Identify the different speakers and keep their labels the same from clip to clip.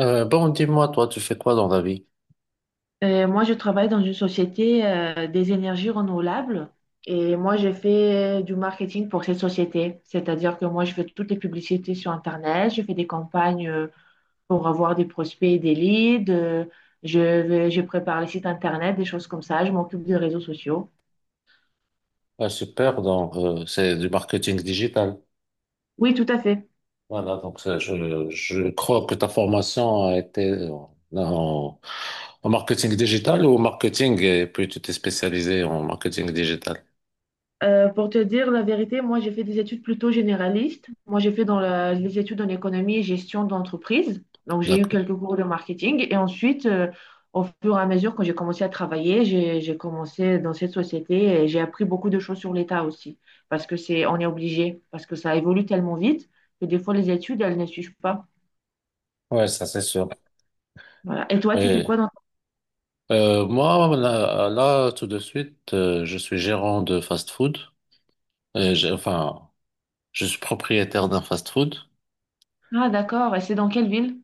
Speaker 1: Dis-moi, toi, tu fais quoi dans la vie?
Speaker 2: Moi, je travaille dans une société des énergies renouvelables et moi, je fais du marketing pour cette société. C'est-à-dire que moi, je fais toutes les publicités sur Internet, je fais des campagnes pour avoir des prospects et des leads, je prépare les sites Internet, des choses comme ça, je m'occupe des réseaux sociaux.
Speaker 1: Ah, super, donc, c'est du marketing digital.
Speaker 2: Oui, tout à fait.
Speaker 1: Voilà, je crois que ta formation a été en marketing digital ou au marketing, et puis tu t'es spécialisé en marketing digital.
Speaker 2: Pour te dire la vérité, moi j'ai fait des études plutôt généralistes. Moi j'ai fait dans les études en économie et gestion d'entreprise. Donc j'ai eu
Speaker 1: D'accord.
Speaker 2: quelques cours de marketing et ensuite, au fur et à mesure quand j'ai commencé à travailler, j'ai commencé dans cette société et j'ai appris beaucoup de choses sur l'État aussi parce que c'est, on est obligé, parce que ça évolue tellement vite que des fois les études elles ne suivent pas.
Speaker 1: Ouais, ça c'est sûr.
Speaker 2: Voilà. Et toi, tu fais
Speaker 1: Oui.
Speaker 2: quoi dans
Speaker 1: Moi, là, tout de suite, je suis gérant de fast-food. Enfin, je suis propriétaire d'un fast-food.
Speaker 2: ton? Ah, d'accord, et c'est dans quelle ville?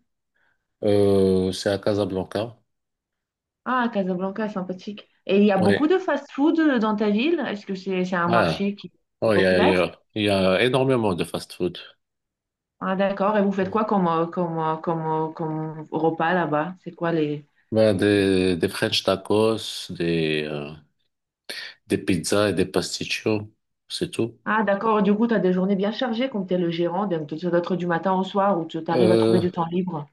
Speaker 1: C'est à Casablanca.
Speaker 2: Ah, Casablanca, sympathique. Et il y a beaucoup
Speaker 1: Oui.
Speaker 2: de fast-food dans ta ville? Est-ce que c'est un
Speaker 1: Ouais.
Speaker 2: marché qui est
Speaker 1: Oh,
Speaker 2: populaire?
Speaker 1: il y a énormément de fast-food.
Speaker 2: Ah, d'accord. Et vous faites
Speaker 1: Mm.
Speaker 2: quoi comme repas là-bas? C'est quoi les...
Speaker 1: Ben,
Speaker 2: les-
Speaker 1: des French tacos, des pizzas et des pasticcios, c'est tout.
Speaker 2: Ah, d'accord. Du coup, tu as des journées bien chargées comme tu es le gérant, donc tu dois être du matin au soir où tu arrives à trouver
Speaker 1: Euh,
Speaker 2: du temps libre.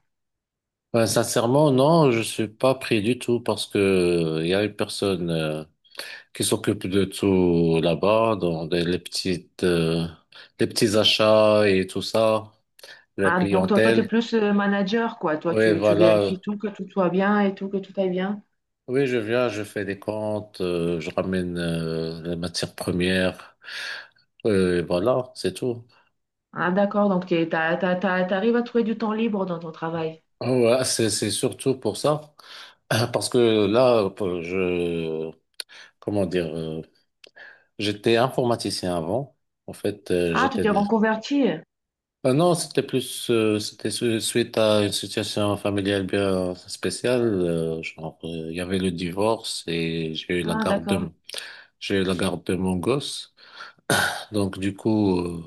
Speaker 1: ben, sincèrement, non, je suis pas pris du tout parce que il y a une personne qui s'occupe de tout là-bas, les petites, les petits achats et tout ça, la
Speaker 2: Ah, donc toi, tu es
Speaker 1: clientèle.
Speaker 2: plus manager, quoi. Toi,
Speaker 1: Oui,
Speaker 2: tu
Speaker 1: voilà.
Speaker 2: vérifies tout, que tout soit bien et tout, que tout aille bien.
Speaker 1: Oui, je viens, je fais des comptes, je ramène les matières premières, et voilà, c'est tout.
Speaker 2: Ah, d'accord. Donc, tu arrives à trouver du temps libre dans ton travail.
Speaker 1: Ah, ouais, c'est surtout pour ça, parce que là, comment dire, j'étais informaticien avant. En fait,
Speaker 2: Ah, tu
Speaker 1: j'étais.
Speaker 2: t'es reconverti.
Speaker 1: Ah non, c'était suite à une situation familiale bien spéciale. Il y avait le divorce et
Speaker 2: Ah, d'accord.
Speaker 1: j'ai eu la garde de mon gosse. Donc du coup,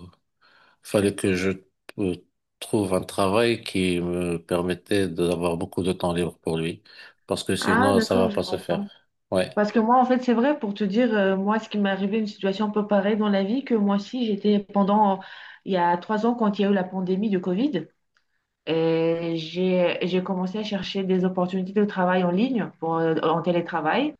Speaker 1: fallait que je euh, trouve un travail qui me permettait d'avoir beaucoup de temps libre pour lui, parce que
Speaker 2: Ah,
Speaker 1: sinon, ça va
Speaker 2: d'accord, je
Speaker 1: pas se faire.
Speaker 2: comprends.
Speaker 1: Ouais.
Speaker 2: Parce que moi, en fait, c'est vrai, pour te dire, moi, ce qui m'est arrivé, une situation un peu pareille dans la vie, que moi aussi, j'étais pendant, il y a 3 ans, quand il y a eu la pandémie de Covid, et j'ai commencé à chercher des opportunités de travail en ligne, pour, en télétravail.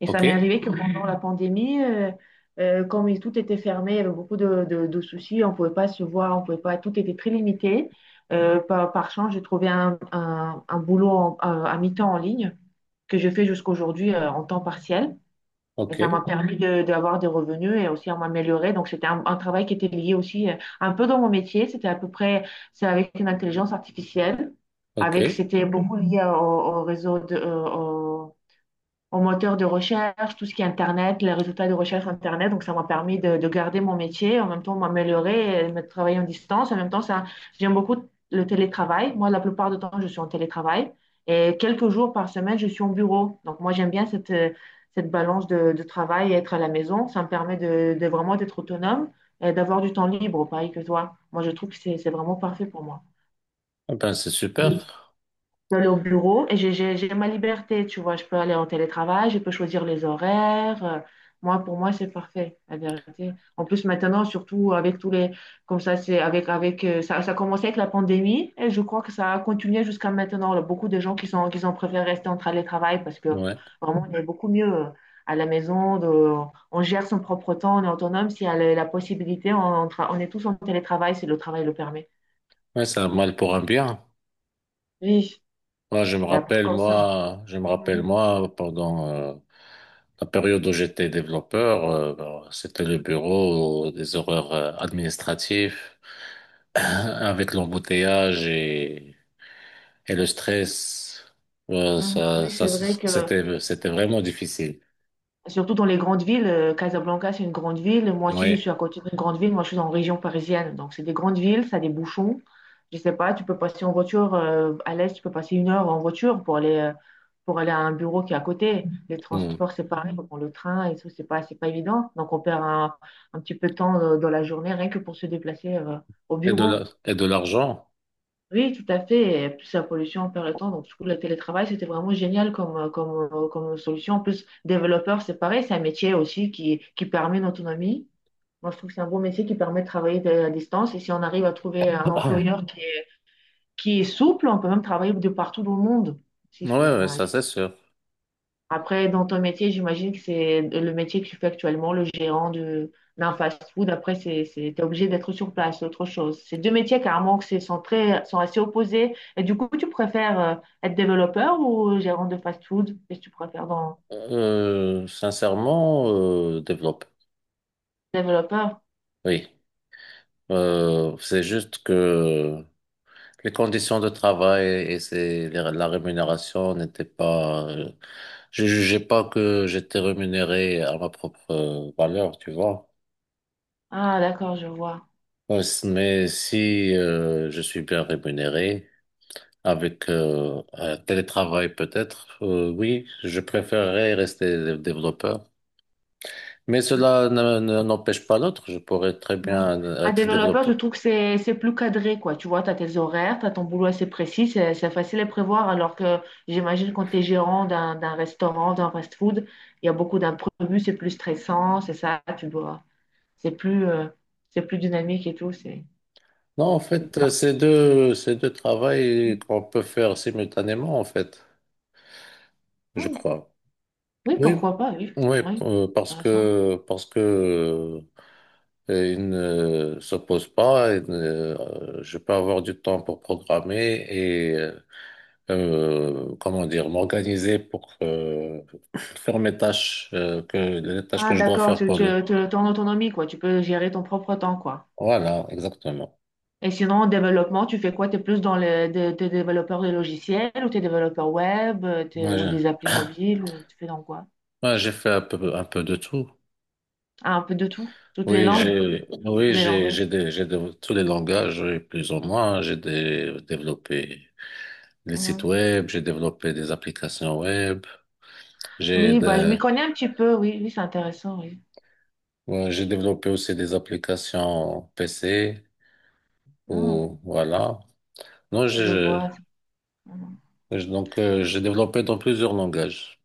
Speaker 2: Et ça m'est
Speaker 1: OK.
Speaker 2: arrivé que pendant la pandémie, comme tout était fermé, il y avait beaucoup de soucis, on ne pouvait pas se voir, on pouvait pas, tout était très limité. Par chance, j'ai trouvé un boulot à mi-temps en ligne que je fais jusqu'aujourd'hui, en temps partiel. Et ça m'a
Speaker 1: OK.
Speaker 2: permis d'avoir des revenus et aussi à m'améliorer. Donc, c'était un travail qui était lié aussi, un peu dans mon métier. C'était à peu près, c'est avec une intelligence artificielle.
Speaker 1: OK,
Speaker 2: Avec,
Speaker 1: eh
Speaker 2: c'était beaucoup lié au réseau au moteur de recherche, tout ce qui est Internet, les résultats de recherche Internet. Donc, ça m'a permis de garder mon métier, en même temps m'améliorer, et me travailler en distance. En même temps, ça, j'aime beaucoup le télétravail. Moi, la plupart du temps, je suis en télétravail. Et quelques jours par semaine, je suis au bureau. Donc, moi, j'aime bien cette balance de travail et être à la maison. Ça me permet de vraiment d'être autonome et d'avoir du temps libre, pareil que toi. Moi, je trouve que c'est vraiment parfait pour moi
Speaker 1: ben, c'est super.
Speaker 2: peux aller au bureau et j'ai ma liberté, tu vois. Je peux aller en télétravail, je peux choisir les horaires. Moi, pour moi, c'est parfait, la vérité. En plus, maintenant, surtout avec tous les. Comme ça, c'est avec ça a commencé avec la pandémie et je crois que ça a continué jusqu'à maintenant. Là, beaucoup de gens qui sont, qui ont préféré rester en télétravail parce que
Speaker 1: Ouais.
Speaker 2: vraiment, on est beaucoup mieux, à la maison. On gère son propre temps, on est autonome. S'il y a la possibilité, on est tous en télétravail si le travail le permet.
Speaker 1: Ouais, c'est un mal pour un bien.
Speaker 2: Oui, et après, comme ça.
Speaker 1: Moi, je me rappelle,
Speaker 2: Mhm.
Speaker 1: moi, pendant la période où j'étais développeur, ben, c'était le bureau, des horaires administratifs,
Speaker 2: Mhm.
Speaker 1: avec l'embouteillage. Et le stress, ouais,
Speaker 2: Mhm. Oui, c'est vrai que,
Speaker 1: c'était vraiment difficile.
Speaker 2: surtout dans les grandes villes, Casablanca, c'est une grande ville. Moi aussi, je
Speaker 1: Oui.
Speaker 2: suis à côté d'une grande ville. Moi, je suis en région parisienne. Donc, c'est des grandes villes, ça a des bouchons. Je sais pas, tu peux passer en voiture, à l'est, tu peux passer 1 heure en voiture pour aller à un bureau qui est à côté. Les
Speaker 1: Mm.
Speaker 2: transports, c'est pareil, faut prendre le train et tout, c'est pas évident. Donc, on perd un petit peu de temps, dans la journée rien que pour se déplacer, au bureau.
Speaker 1: Et de l'argent.
Speaker 2: Oui, tout à fait. Et plus la pollution on perd le temps. Donc, du coup, le télétravail, c'était vraiment génial comme solution. En plus, développeur, c'est pareil. C'est un métier aussi qui permet une autonomie. Moi, je trouve que c'est un bon métier qui permet de travailler à distance. Et si on arrive à trouver un employeur qui est souple, on peut même travailler de partout dans le monde. Si,
Speaker 1: Ouais,
Speaker 2: c'est
Speaker 1: ouais,
Speaker 2: un
Speaker 1: ça c'est sûr.
Speaker 2: après, dans ton métier, j'imagine que c'est le métier que tu fais actuellement, le gérant d'un fast-food. Après, t'es obligé d'être sur place, c'est autre chose. C'est deux métiers carrément qui sont sont assez opposés. Et du coup, tu préfères, être développeur ou gérant de fast-food? Qu'est-ce que tu préfères dans
Speaker 1: Développe.
Speaker 2: développeur?
Speaker 1: Oui. C'est juste que les conditions de travail la rémunération n'étaient pas. Je jugeais pas que j'étais rémunéré à ma propre valeur, tu vois.
Speaker 2: Ah, d'accord, je vois.
Speaker 1: Ouais, mais si je suis bien rémunéré. Avec un télétravail peut-être, oui, je préférerais rester développeur. Mais cela n'empêche pas l'autre, je pourrais très
Speaker 2: Ouais.
Speaker 1: bien
Speaker 2: Un
Speaker 1: être
Speaker 2: développeur, je
Speaker 1: développeur.
Speaker 2: trouve que c'est plus cadré, quoi. Tu vois, tu as tes horaires, tu as ton boulot assez précis, c'est facile à prévoir, alors que j'imagine quand tu es gérant d'un restaurant, d'un fast-food, il y a beaucoup d'imprévus, c'est plus stressant, c'est ça, tu dois, c'est plus, euh, c'est plus dynamique et tout. C'est.
Speaker 1: Non, en fait, c'est deux travails qu'on peut faire simultanément, en fait, je
Speaker 2: Ouais.
Speaker 1: crois.
Speaker 2: Oui,
Speaker 1: Oui,
Speaker 2: pourquoi pas, oui.
Speaker 1: oui,
Speaker 2: Oui,
Speaker 1: euh,
Speaker 2: intéressant.
Speaker 1: parce que ils ne s'oppose pas, et, je peux avoir du temps pour programmer, comment dire, m'organiser pour faire mes tâches, les tâches que
Speaker 2: Ah,
Speaker 1: je dois
Speaker 2: d'accord,
Speaker 1: faire pour le.
Speaker 2: t'es en autonomie, quoi. Tu peux gérer ton propre temps, quoi.
Speaker 1: Voilà, exactement.
Speaker 2: Et sinon, en développement, tu fais quoi? Tu es plus dans t'es développeur de logiciels ou t'es développeur web,
Speaker 1: Moi,
Speaker 2: ou
Speaker 1: j'ai
Speaker 2: des applis mobiles ou tu fais dans quoi?
Speaker 1: j'ai fait un peu de tout.
Speaker 2: Ah, un peu de tout, toutes les langues, tous les langages.
Speaker 1: Tous les langages, oui, plus ou moins. J'ai développé les sites
Speaker 2: Mhm.
Speaker 1: web, j'ai développé des applications web, j'ai
Speaker 2: Oui, bah, je
Speaker 1: des-
Speaker 2: m'y connais un petit peu, oui, oui, c'est intéressant, oui.
Speaker 1: ouais, j'ai développé aussi des applications PC
Speaker 2: Mhm.
Speaker 1: ou voilà. Non,
Speaker 2: Je
Speaker 1: j'ai
Speaker 2: vois. Mhm.
Speaker 1: Et Donc, j'ai développé dans plusieurs langages.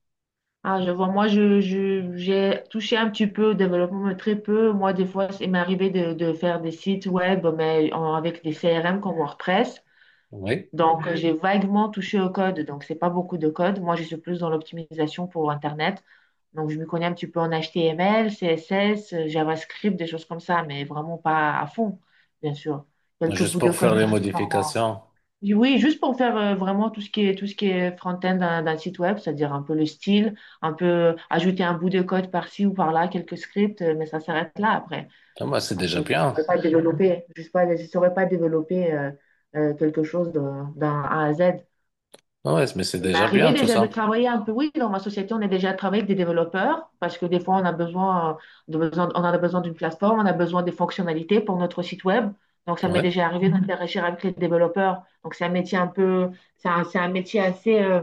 Speaker 2: Ah, je vois. Moi, j'ai touché un petit peu au développement, mais très peu. Moi, des fois, il m'est arrivé de faire des sites web, mais avec des CRM comme WordPress.
Speaker 1: Oui.
Speaker 2: Donc, j'ai vaguement touché au code, donc c'est pas beaucoup de code. Moi, je suis plus dans l'optimisation pour Internet. Donc, je me connais un petit peu en HTML, CSS, JavaScript, des choses comme ça, mais vraiment pas à fond, bien sûr. Quelques
Speaker 1: Juste
Speaker 2: bouts de
Speaker 1: pour faire
Speaker 2: code.
Speaker 1: les modifications.
Speaker 2: Oui, juste pour faire vraiment tout ce qui est front-end d'un site web, c'est-à-dire un peu le style, un peu ajouter un bout de code par-ci ou par-là, quelques scripts, mais ça s'arrête là après.
Speaker 1: Ah, bah, c'est déjà
Speaker 2: Après, je ne saurais
Speaker 1: bien.
Speaker 2: pas développer, je ne pas, saurais pas développer quelque chose d'un A à Z.
Speaker 1: Ah ouais, mais c'est
Speaker 2: Il m'est
Speaker 1: déjà
Speaker 2: arrivé
Speaker 1: bien tout
Speaker 2: déjà de
Speaker 1: ça.
Speaker 2: travailler un peu, oui, dans ma société, on est déjà travaillé avec des développeurs parce que des fois, on a besoin, on en a besoin d'une plateforme, on a besoin des fonctionnalités pour notre site web. Donc, ça m'est
Speaker 1: Ouais.
Speaker 2: déjà arrivé d'interagir avec les développeurs. Donc, c'est un métier un peu, c'est un métier assez,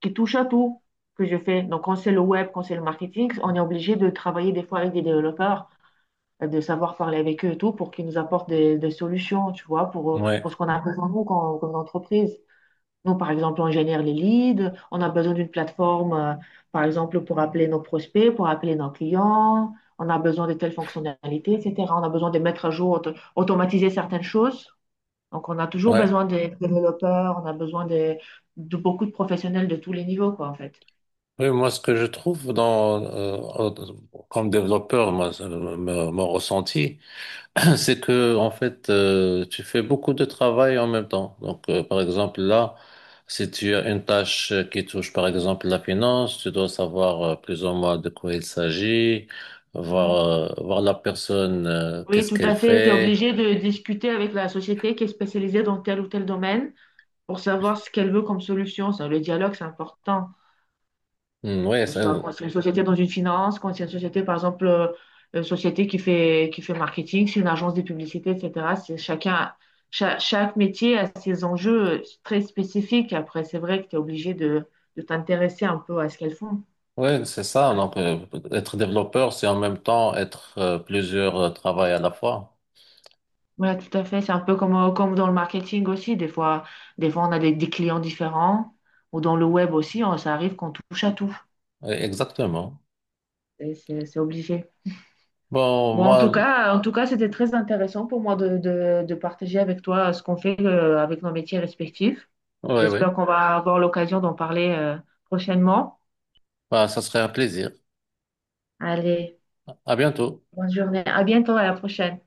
Speaker 2: qui touche à tout que je fais. Donc, quand c'est le web, quand c'est le marketing, on est obligé de travailler des fois avec des développeurs, de savoir parler avec eux et tout pour qu'ils nous apportent des solutions, tu vois,
Speaker 1: Ouais.
Speaker 2: pour ce qu'on a besoin, nous, comme entreprise. Nous, par exemple, on génère les leads, on a besoin d'une plateforme, par exemple, pour appeler nos prospects, pour appeler nos clients, on a besoin de telles fonctionnalités, etc. On a besoin de mettre à jour, automatiser certaines choses. Donc, on a toujours
Speaker 1: Ouais.
Speaker 2: besoin des développeurs, on a besoin de beaucoup de professionnels de tous les niveaux, quoi, en fait.
Speaker 1: Oui, moi, ce que je trouve comme développeur, moi, mon ressenti, c'est que, en fait, tu fais beaucoup de travail en même temps. Donc, par exemple, là, si tu as une tâche qui touche, par exemple, la finance, tu dois savoir, plus ou moins, de quoi il s'agit, voir,
Speaker 2: Mhm.
Speaker 1: voir la personne,
Speaker 2: Oui,
Speaker 1: qu'est-ce
Speaker 2: tout à
Speaker 1: qu'elle
Speaker 2: fait. Tu es
Speaker 1: fait.
Speaker 2: obligé de discuter avec la société qui est spécialisée dans tel ou tel domaine pour savoir ce qu'elle veut comme solution. Ça, le dialogue, c'est important.
Speaker 1: Hmm, ouais,
Speaker 2: Que ce
Speaker 1: c'est,
Speaker 2: soit quand c'est une société dans une finance, quand c'est une société, par exemple, une société qui fait marketing, c'est une agence de publicité, etc. C'est chacun, chaque, métier a ses enjeux très spécifiques. Après, c'est vrai que tu es obligé de t'intéresser un peu à ce qu'elles font.
Speaker 1: ouais, c'est ça. Donc, être développeur, c'est en même temps être plusieurs travails à la fois.
Speaker 2: Voilà, tout à fait. C'est un peu comme dans le marketing aussi. Des fois, on a des clients différents. Ou dans le web aussi, ça arrive qu'on touche à tout.
Speaker 1: Ouais, exactement.
Speaker 2: Et c'est obligé.
Speaker 1: Bon,
Speaker 2: Bon,
Speaker 1: moi,
Speaker 2: en tout cas, c'était très intéressant pour moi de partager avec toi, ce qu'on fait, avec nos métiers respectifs.
Speaker 1: ouais, ouais.
Speaker 2: J'espère qu'on va avoir l'occasion d'en parler, prochainement.
Speaker 1: Bah, ça serait un plaisir.
Speaker 2: Allez,
Speaker 1: À bientôt.
Speaker 2: bonne journée. À bientôt, à la prochaine.